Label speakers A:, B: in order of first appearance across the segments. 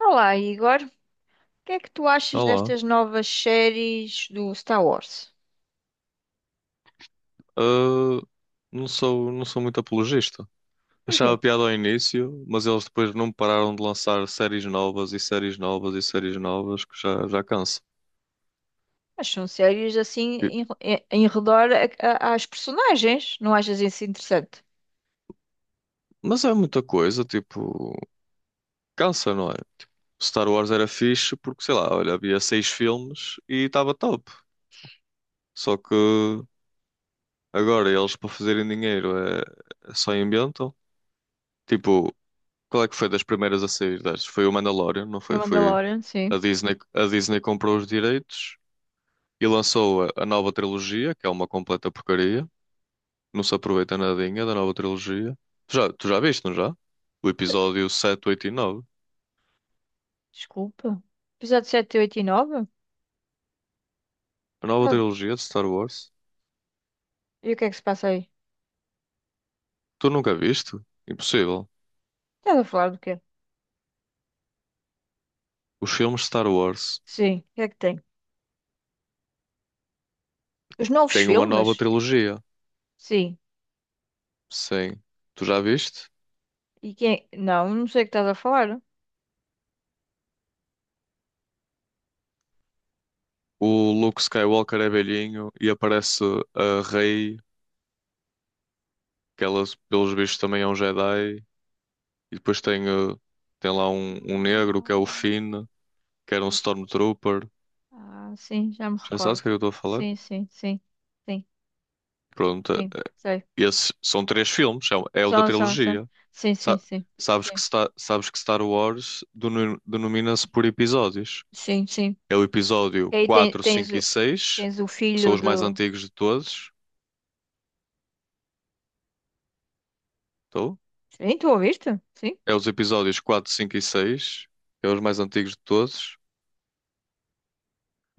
A: Olá, Igor. O que é que tu achas
B: Olá.
A: destas novas séries do Star Wars?
B: Ah, não sou muito apologista.
A: Porquê?
B: Achava piada ao início, mas eles depois não pararam de lançar séries novas e séries novas e séries novas que já, já cansa.
A: Mas são séries assim
B: E-
A: em redor às personagens. Não achas isso interessante?
B: Mas é muita coisa, tipo, cansa, não é? Star Wars era fixe porque, sei lá, olha, havia seis filmes e estava top. Só que agora eles para fazerem dinheiro é só inventam. Tipo, qual é que foi das primeiras a sair das? Foi o Mandalorian, não
A: O
B: foi? Foi
A: Mandalorian, sim.
B: a Disney comprou os direitos. E lançou a nova trilogia, que é uma completa porcaria. Não se aproveita nadinha da nova trilogia. Tu já viste, não já? O episódio 7, 8 e 9.
A: Desculpa. Episódio 7, 8 e 9.
B: A nova
A: Ah,
B: trilogia de Star Wars.
A: e o que é que se passa aí?
B: Tu nunca viste? Impossível.
A: Estás a falar do quê?
B: Os filmes de Star Wars
A: Sim, o que é que tem? Os novos
B: têm uma
A: filmes?
B: nova trilogia.
A: Sim.
B: Sim. Tu já viste?
A: E quem? Não, não sei o que estás a falar.
B: O Luke Skywalker é velhinho e aparece a Rey, que ela, pelos bichos também é um Jedi. E depois tem lá um negro que é o
A: Ah,
B: Finn, que era um
A: já-
B: Stormtrooper.
A: ah, sim, já me
B: Já sabes o
A: recordo.
B: que é que eu estou a falar?
A: Sim, sim, sim. Sim.
B: Pronto,
A: Sim, sei.
B: esses são três filmes, o é o da
A: Só, só, só.
B: trilogia.
A: Sim, sim,
B: Sa-
A: sim.
B: sabes que,
A: Sim,
B: Sabes que Star Wars denomina-se por episódios.
A: sim, sim.
B: É o
A: E
B: episódio
A: aí tem-
B: 4
A: tens,
B: 5 e
A: o,
B: 6
A: tens o
B: que são
A: filho
B: os mais
A: do.
B: antigos de todos. Estou?
A: Sim, tu ouviste? Sim.
B: É os episódios 4, 5 e 6 que é os mais antigos de todos.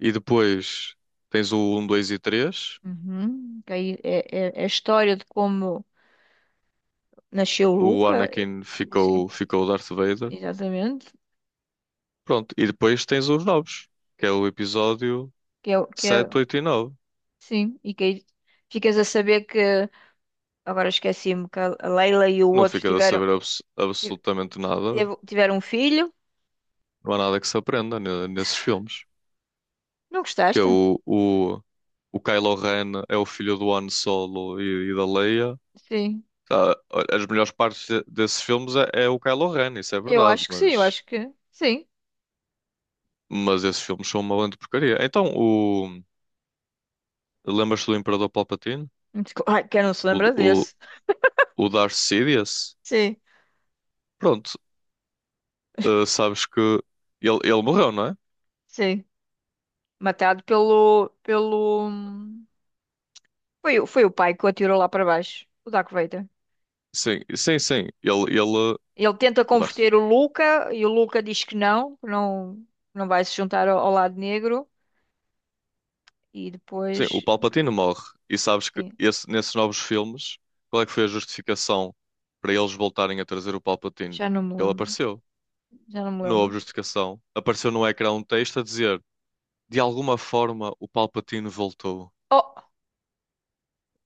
B: E depois tens o 1, 2 e 3.
A: Uhum. Que aí é a história de como nasceu o
B: O
A: Luca.
B: Anakin ficou,
A: Sim,
B: ficou Darth Vader.
A: exatamente.
B: Pronto, e depois tens os novos, que é o episódio
A: Que é, o- que é,
B: 7, 8 e 9.
A: sim, e que aí ficas a saber que. Agora esqueci-me que a Leila e o
B: Não
A: outro
B: ficas a
A: tiveram,
B: saber
A: ti-
B: absolutamente nada.
A: tiveram um filho.
B: Não há nada que se aprenda nesses filmes.
A: Não
B: Que é
A: gostaste?
B: o Kylo Ren é o filho do Han Solo e da Leia.
A: Sim,
B: Tá, as melhores partes desses filmes é o Kylo Ren, isso é
A: eu
B: verdade,
A: acho que sim, eu
B: mas,
A: acho que sim.
B: mas esses filmes são uma grande porcaria. Então, lembras-te do Imperador Palpatine?
A: Ai, quem não se
B: O,
A: lembra
B: o,
A: desse?
B: o Darth Sidious?
A: Sim.
B: Pronto, sabes que ele morreu, não é?
A: Sim, matado pelo, pelo... Foi o pai que o atirou lá para baixo, o Darth Vader.
B: Sim, sim, sim. Ele,
A: Ele tenta
B: o Darth.
A: converter o Luca e o Luca diz que não, não vai se juntar ao, ao lado negro. E
B: Sim, o
A: depois,
B: Palpatine morre. E sabes que
A: sim,
B: nesses novos filmes, qual é que foi a justificação para eles voltarem a trazer o Palpatine?
A: já não me
B: Ele
A: lembro,
B: apareceu.
A: já não me
B: Não houve
A: lembro.
B: justificação. Apareceu no ecrã um texto a dizer: de alguma forma o Palpatine voltou.
A: Oh,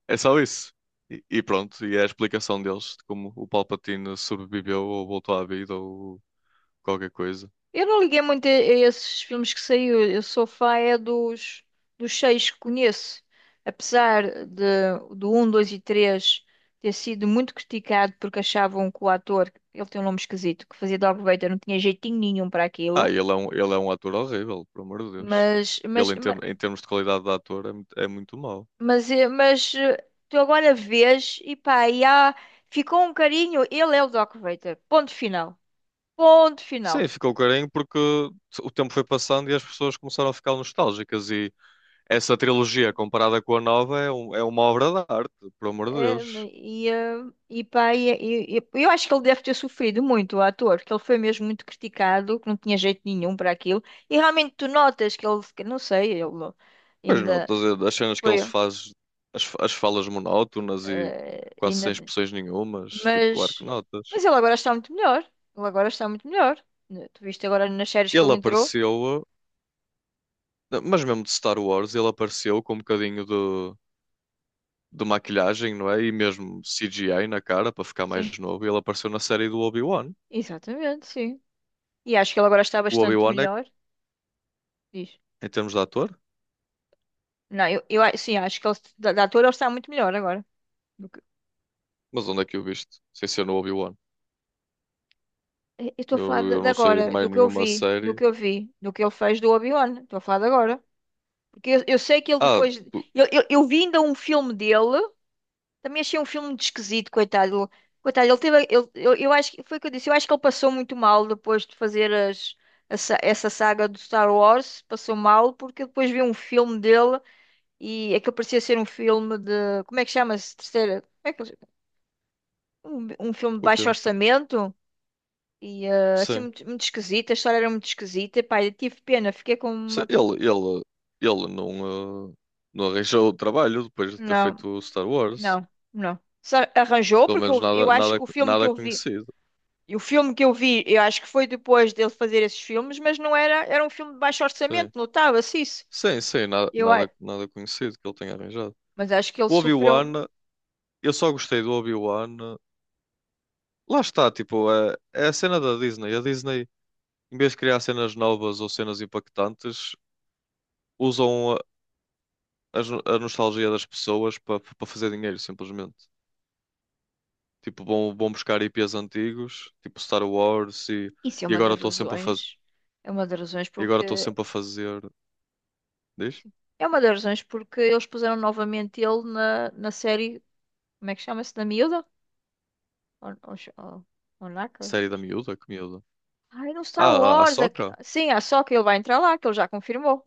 B: É só isso. E pronto, e é a explicação deles de como o Palpatine sobreviveu ou voltou à vida ou qualquer coisa.
A: eu não liguei muito a esses filmes que saiu. Eu sou fã é dos, dos seis que conheço. Apesar de, do um, 2 e 3 ter sido muito criticado porque achavam que o ator, ele tem um nome esquisito, que fazia Darth Vader, não tinha jeitinho nenhum para
B: Ah,
A: aquilo.
B: ele é um ator horrível, pelo amor de Deus.
A: Mas, mas, ma-
B: Em termos de qualidade de ator, é muito mau.
A: mas, tu agora vês e pá, e há, ficou um carinho. Ele é o Darth Vader. Ponto final. Ponto final.
B: Sim, ficou carinho porque o tempo foi passando e as pessoas começaram a ficar nostálgicas. E essa trilogia, comparada com a nova, é uma obra de arte, por amor de
A: É,
B: Deus.
A: e, eh, e eu acho que ele deve ter sofrido muito, o ator, porque ele foi mesmo muito criticado, que não tinha jeito nenhum para aquilo. E realmente tu notas que ele, que não sei, ele
B: Pois não,
A: ainda
B: todas as cenas que
A: foi,
B: eles fazem, as falas monótonas e
A: eh,
B: quase
A: ainda,
B: sem expressões nenhumas, tipo, claro
A: mas,
B: que notas.
A: mas ele agora está muito melhor. Ele agora está muito melhor. Né? Tu viste agora nas séries que
B: Ele
A: ele entrou?
B: apareceu, mas mesmo de Star Wars, ele apareceu com um bocadinho de maquilhagem, não é? E mesmo CGI na cara, para ficar
A: Sim,
B: mais novo. Ele apareceu na série do Obi-Wan.
A: exatamente, sim. E acho que ele agora está
B: O
A: bastante
B: Obi-Wan é,
A: melhor. Diz.
B: em termos de ator.
A: Não, sim, acho que ele, da, da ator ele está muito melhor agora.
B: Mas onde é que o viste? Sem ser no Obi-Wan.
A: Eu estou a
B: Eu,
A: falar de
B: eu
A: de
B: não sei
A: agora, do
B: mais
A: que eu
B: nenhuma
A: vi, do
B: série.
A: que eu vi, do que ele fez do Obi-Wan. Estou a falar de agora. Porque eu sei que ele
B: Ah,
A: depois.
B: tu-
A: Eu vi ainda um filme dele, também achei um filme muito esquisito, coitado. Coitado, ele teve. Ele, eu acho que foi o que eu disse, eu acho que ele passou muito mal depois de fazer as, essa saga do Star Wars. Passou mal, porque eu depois vi um filme dele e aquilo parecia ser um filme de. Como é que chama-se? Terceira. Como é que, eles- um filme de
B: o
A: baixo
B: quê?
A: orçamento. E eh, assim,
B: Sim.
A: muito, muito esquisita. A história era muito esquisita. Pá, eu tive pena, fiquei com
B: Sim.
A: uma.
B: Ele não arranjou o trabalho depois de ter
A: Não,
B: feito o Star Wars.
A: não, não. Só arranjou,
B: Pelo
A: porque
B: menos
A: eu
B: nada,
A: acho
B: nada,
A: que o filme que
B: nada
A: eu vi.
B: conhecido.
A: E o filme que eu vi, eu acho que foi depois dele fazer esses filmes, mas não era. Era um filme de baixo
B: Sim.
A: orçamento, notava-se isso.
B: Sim, sim, nada,
A: Eu, a-
B: nada, nada conhecido que ele tenha arranjado.
A: mas acho que ele
B: O
A: sofreu.
B: Obi-Wan, eu só gostei do Obi-Wan. Lá está, tipo, é a cena da Disney. A Disney, em vez de criar cenas novas ou cenas impactantes, usam a nostalgia das pessoas para fazer dinheiro, simplesmente. Tipo, vão buscar IPs antigos, tipo Star Wars, e,
A: Isso é
B: e
A: uma
B: agora
A: das
B: estou sempre a fazer.
A: razões. É uma das razões
B: E agora estou
A: porque.
B: sempre a fazer. Diz?
A: Sim, é uma das razões porque eles puseram novamente ele na, na série. Como é que chama-se? Da Miúda? On, on,
B: Série da miúda? Que miúda?
A: Ai, no Star
B: Ah, a
A: Wars.
B: Ahsoka?
A: Sim, é só que ele vai entrar lá, que ele já confirmou.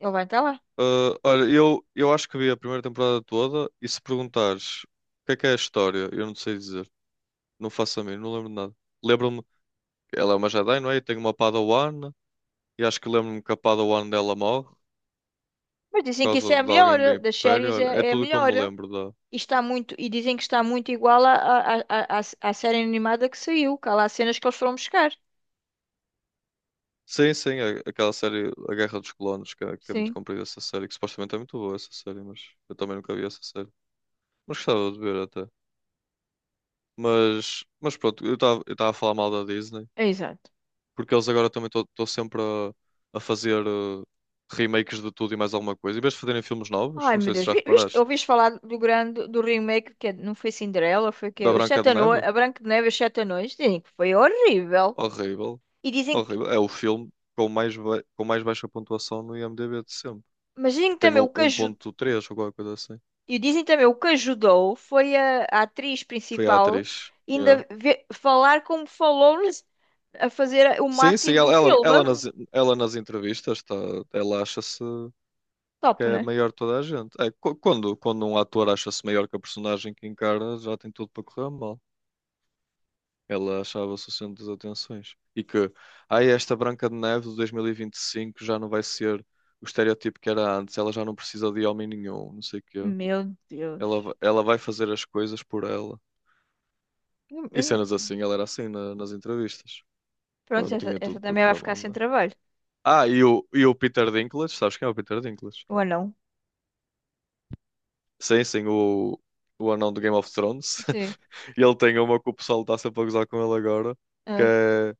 A: Ele vai entrar lá.
B: Ah, olha, eu acho que vi a primeira temporada toda e se perguntares o que é a história, eu não sei dizer. Não faço a mim, não lembro de nada. Lembro-me que ela é uma Jedi, não é? E tem uma Padawan, e acho que lembro-me que a Padawan dela morre
A: Mas dizem
B: por
A: que isso é
B: causa
A: a
B: de
A: melhor,
B: alguém do
A: eh, das
B: Império.
A: séries
B: Olha, é
A: é, é a
B: tudo que eu
A: melhor.
B: me
A: Eh.
B: lembro.
A: E está muito, e dizem que está muito igual à série animada que saiu, que há lá cenas que eles foram buscar.
B: Sim, sim, aquela série A Guerra dos Clones, que é muito
A: Sim,
B: comprida essa série, que supostamente é muito boa essa série, mas eu também nunca vi essa série. Mas gostava de ver até. Mas pronto, eu estava a falar mal da Disney,
A: é exato.
B: porque eles agora também estão sempre a fazer remakes de tudo e mais alguma coisa. Em vez de fazerem filmes novos,
A: Ai,
B: não
A: meu
B: sei se
A: Deus,
B: já
A: vi- viste,
B: reparaste,
A: ouviste falar do grande, do remake, não foi Cinderela, foi que
B: da
A: é, Os
B: Branca
A: Sete
B: de
A: Anões,
B: Neve,
A: a Branca de Neve e os Sete Anões, dizem que foi horrível.
B: horrível,
A: E dizem que,
B: horrível. É o filme com mais, com mais baixa pontuação no IMDb de sempre,
A: mas dizem
B: que
A: que
B: tem
A: também o
B: o
A: que ajudou.
B: 1,3 ou qualquer coisa assim.
A: E dizem também, o que ajudou foi a atriz
B: Foi a
A: principal
B: atriz. Yeah.
A: falar como falou-nos a fazer o
B: Sim, sim,
A: marketing do
B: ela, ela,
A: filme.
B: ela nas, ela nas entrevistas, tá, ela acha-se que
A: Top,
B: é
A: né?
B: maior de toda a gente. É, quando um ator acha-se maior que a personagem que encarna, já tem tudo para correr mal. Ela achava-se o centro das atenções. E que, ai, esta Branca de Neve de 2025 já não vai ser o estereótipo que era antes, ela já não precisa de homem nenhum, não sei o quê.
A: Meu Deus.
B: Ela vai fazer as coisas por ela. E
A: Eu não-
B: cenas assim, ela era assim nas entrevistas.
A: Pronto,
B: Pronto,
A: essa,
B: tinha
A: essa
B: tudo para
A: também vai
B: correr
A: ficar
B: mal,
A: sem
B: não é?
A: trabalho.
B: Ah, e o Peter Dinklage, sabes quem é o Peter Dinklage?
A: Ou não?
B: Sim, sim, o anão do Game of Thrones.
A: Sim.
B: E ele tem uma que o pessoal está sempre a gozar com ele agora, que
A: Ah,
B: é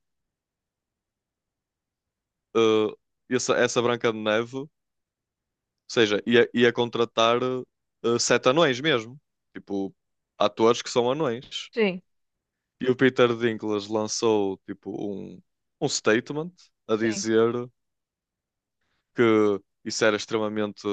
B: eh, essa Branca de Neve, ou seja, ia contratar sete anões mesmo, tipo, atores que são anões.
A: sim.
B: E o Peter Dinklage lançou, tipo, um, um statement a
A: Sim.
B: dizer que isso era extremamente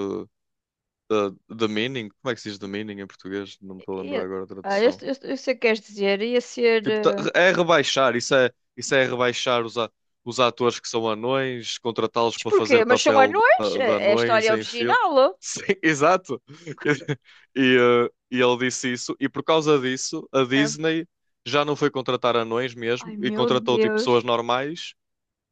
B: eh, demeaning. Como é que se diz demeaning em português? Não me estou a lembrar
A: E-
B: agora a
A: ah, eu,
B: tradução.
A: eu, eu sei o que queres dizer. Ia ser...
B: Tipo,
A: eh,
B: é rebaixar, isso é rebaixar os atores que são anões, contratá-los
A: mas
B: para fazer
A: porquê? Mas são
B: papel
A: anões?
B: de
A: É é a
B: anões
A: história
B: em filme.
A: original.
B: Sim, exato. E ele disse isso, e por causa disso, a
A: Ah,
B: Disney já não foi contratar anões
A: ai,
B: mesmo, e
A: meu
B: contratou tipo, pessoas
A: Deus.
B: normais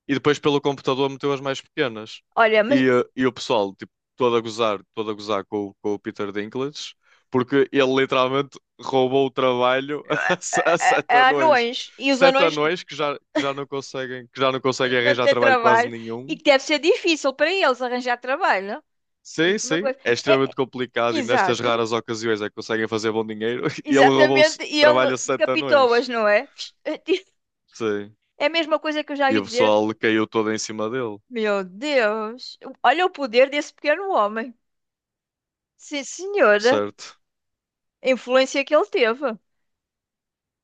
B: e depois pelo computador meteu as mais pequenas.
A: Olha, mas
B: E o pessoal, tipo, todo a gozar com, com o Peter Dinklage, porque ele literalmente roubou o trabalho
A: ah,
B: a, se-
A: ah,
B: a
A: ah,
B: sete
A: ah,
B: anões.
A: anões. E os
B: Sete
A: anões.
B: anões que já não conseguem, que já não conseguem
A: Não
B: arranjar
A: ter
B: trabalho quase
A: trabalho. E
B: nenhum.
A: que deve ser difícil para eles arranjar trabalho, não?
B: Sim,
A: Digo-te uma
B: sim,
A: coisa.
B: é
A: É, é-
B: extremamente complicado e nestas
A: exato.
B: raras ocasiões é que conseguem fazer bom dinheiro. E ele roubou o
A: Exatamente. E ele
B: trabalho a sete anões.
A: decapitou-as, não é?
B: Sim.
A: É a mesma coisa que eu já
B: E
A: ouvi
B: o
A: dizer.
B: pessoal caiu todo em cima dele,
A: Meu Deus. Olha o poder desse pequeno homem. Sim, senhora.
B: certo?
A: A influência que ele teve.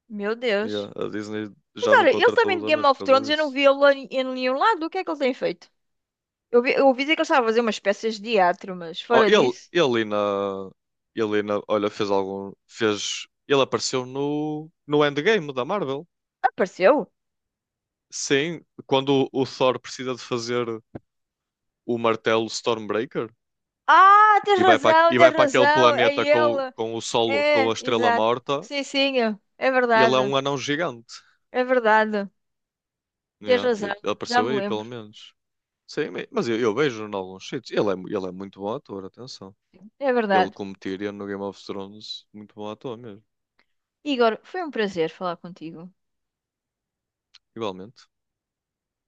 A: Meu Deus.
B: Yeah, a Disney
A: Mas
B: já não
A: olha, ele
B: contratou
A: também
B: os
A: de Game
B: anões por
A: of Thrones,
B: causa
A: eu não
B: disso.
A: vi ele em em nenhum lado. O que é que ele tem feito? Eu ouvi dizer que ele estava a fazer umas peças de teatro, mas
B: Oh,
A: fora disso,
B: olha, ele apareceu no Endgame da Marvel.
A: apareceu.
B: Sim, quando o Thor precisa de fazer o martelo Stormbreaker
A: Ah, tens
B: e vai para,
A: razão,
B: e vai
A: tens
B: para aquele
A: razão. É
B: planeta com,
A: ele.
B: com o sol, com a
A: É,
B: estrela
A: exato.
B: morta,
A: Sim, sim, é é
B: ele é
A: verdade.
B: um anão gigante.
A: É verdade. Tens
B: Yeah, ele
A: razão. Já
B: apareceu
A: me
B: aí, pelo
A: lembro.
B: menos. Sim, mas eu vejo em alguns sítios. Ele é muito bom ator, atenção.
A: É
B: Ele
A: verdade.
B: como Tyrion no Game of Thrones, muito bom ator mesmo.
A: Igor, foi um prazer falar contigo.
B: Igualmente.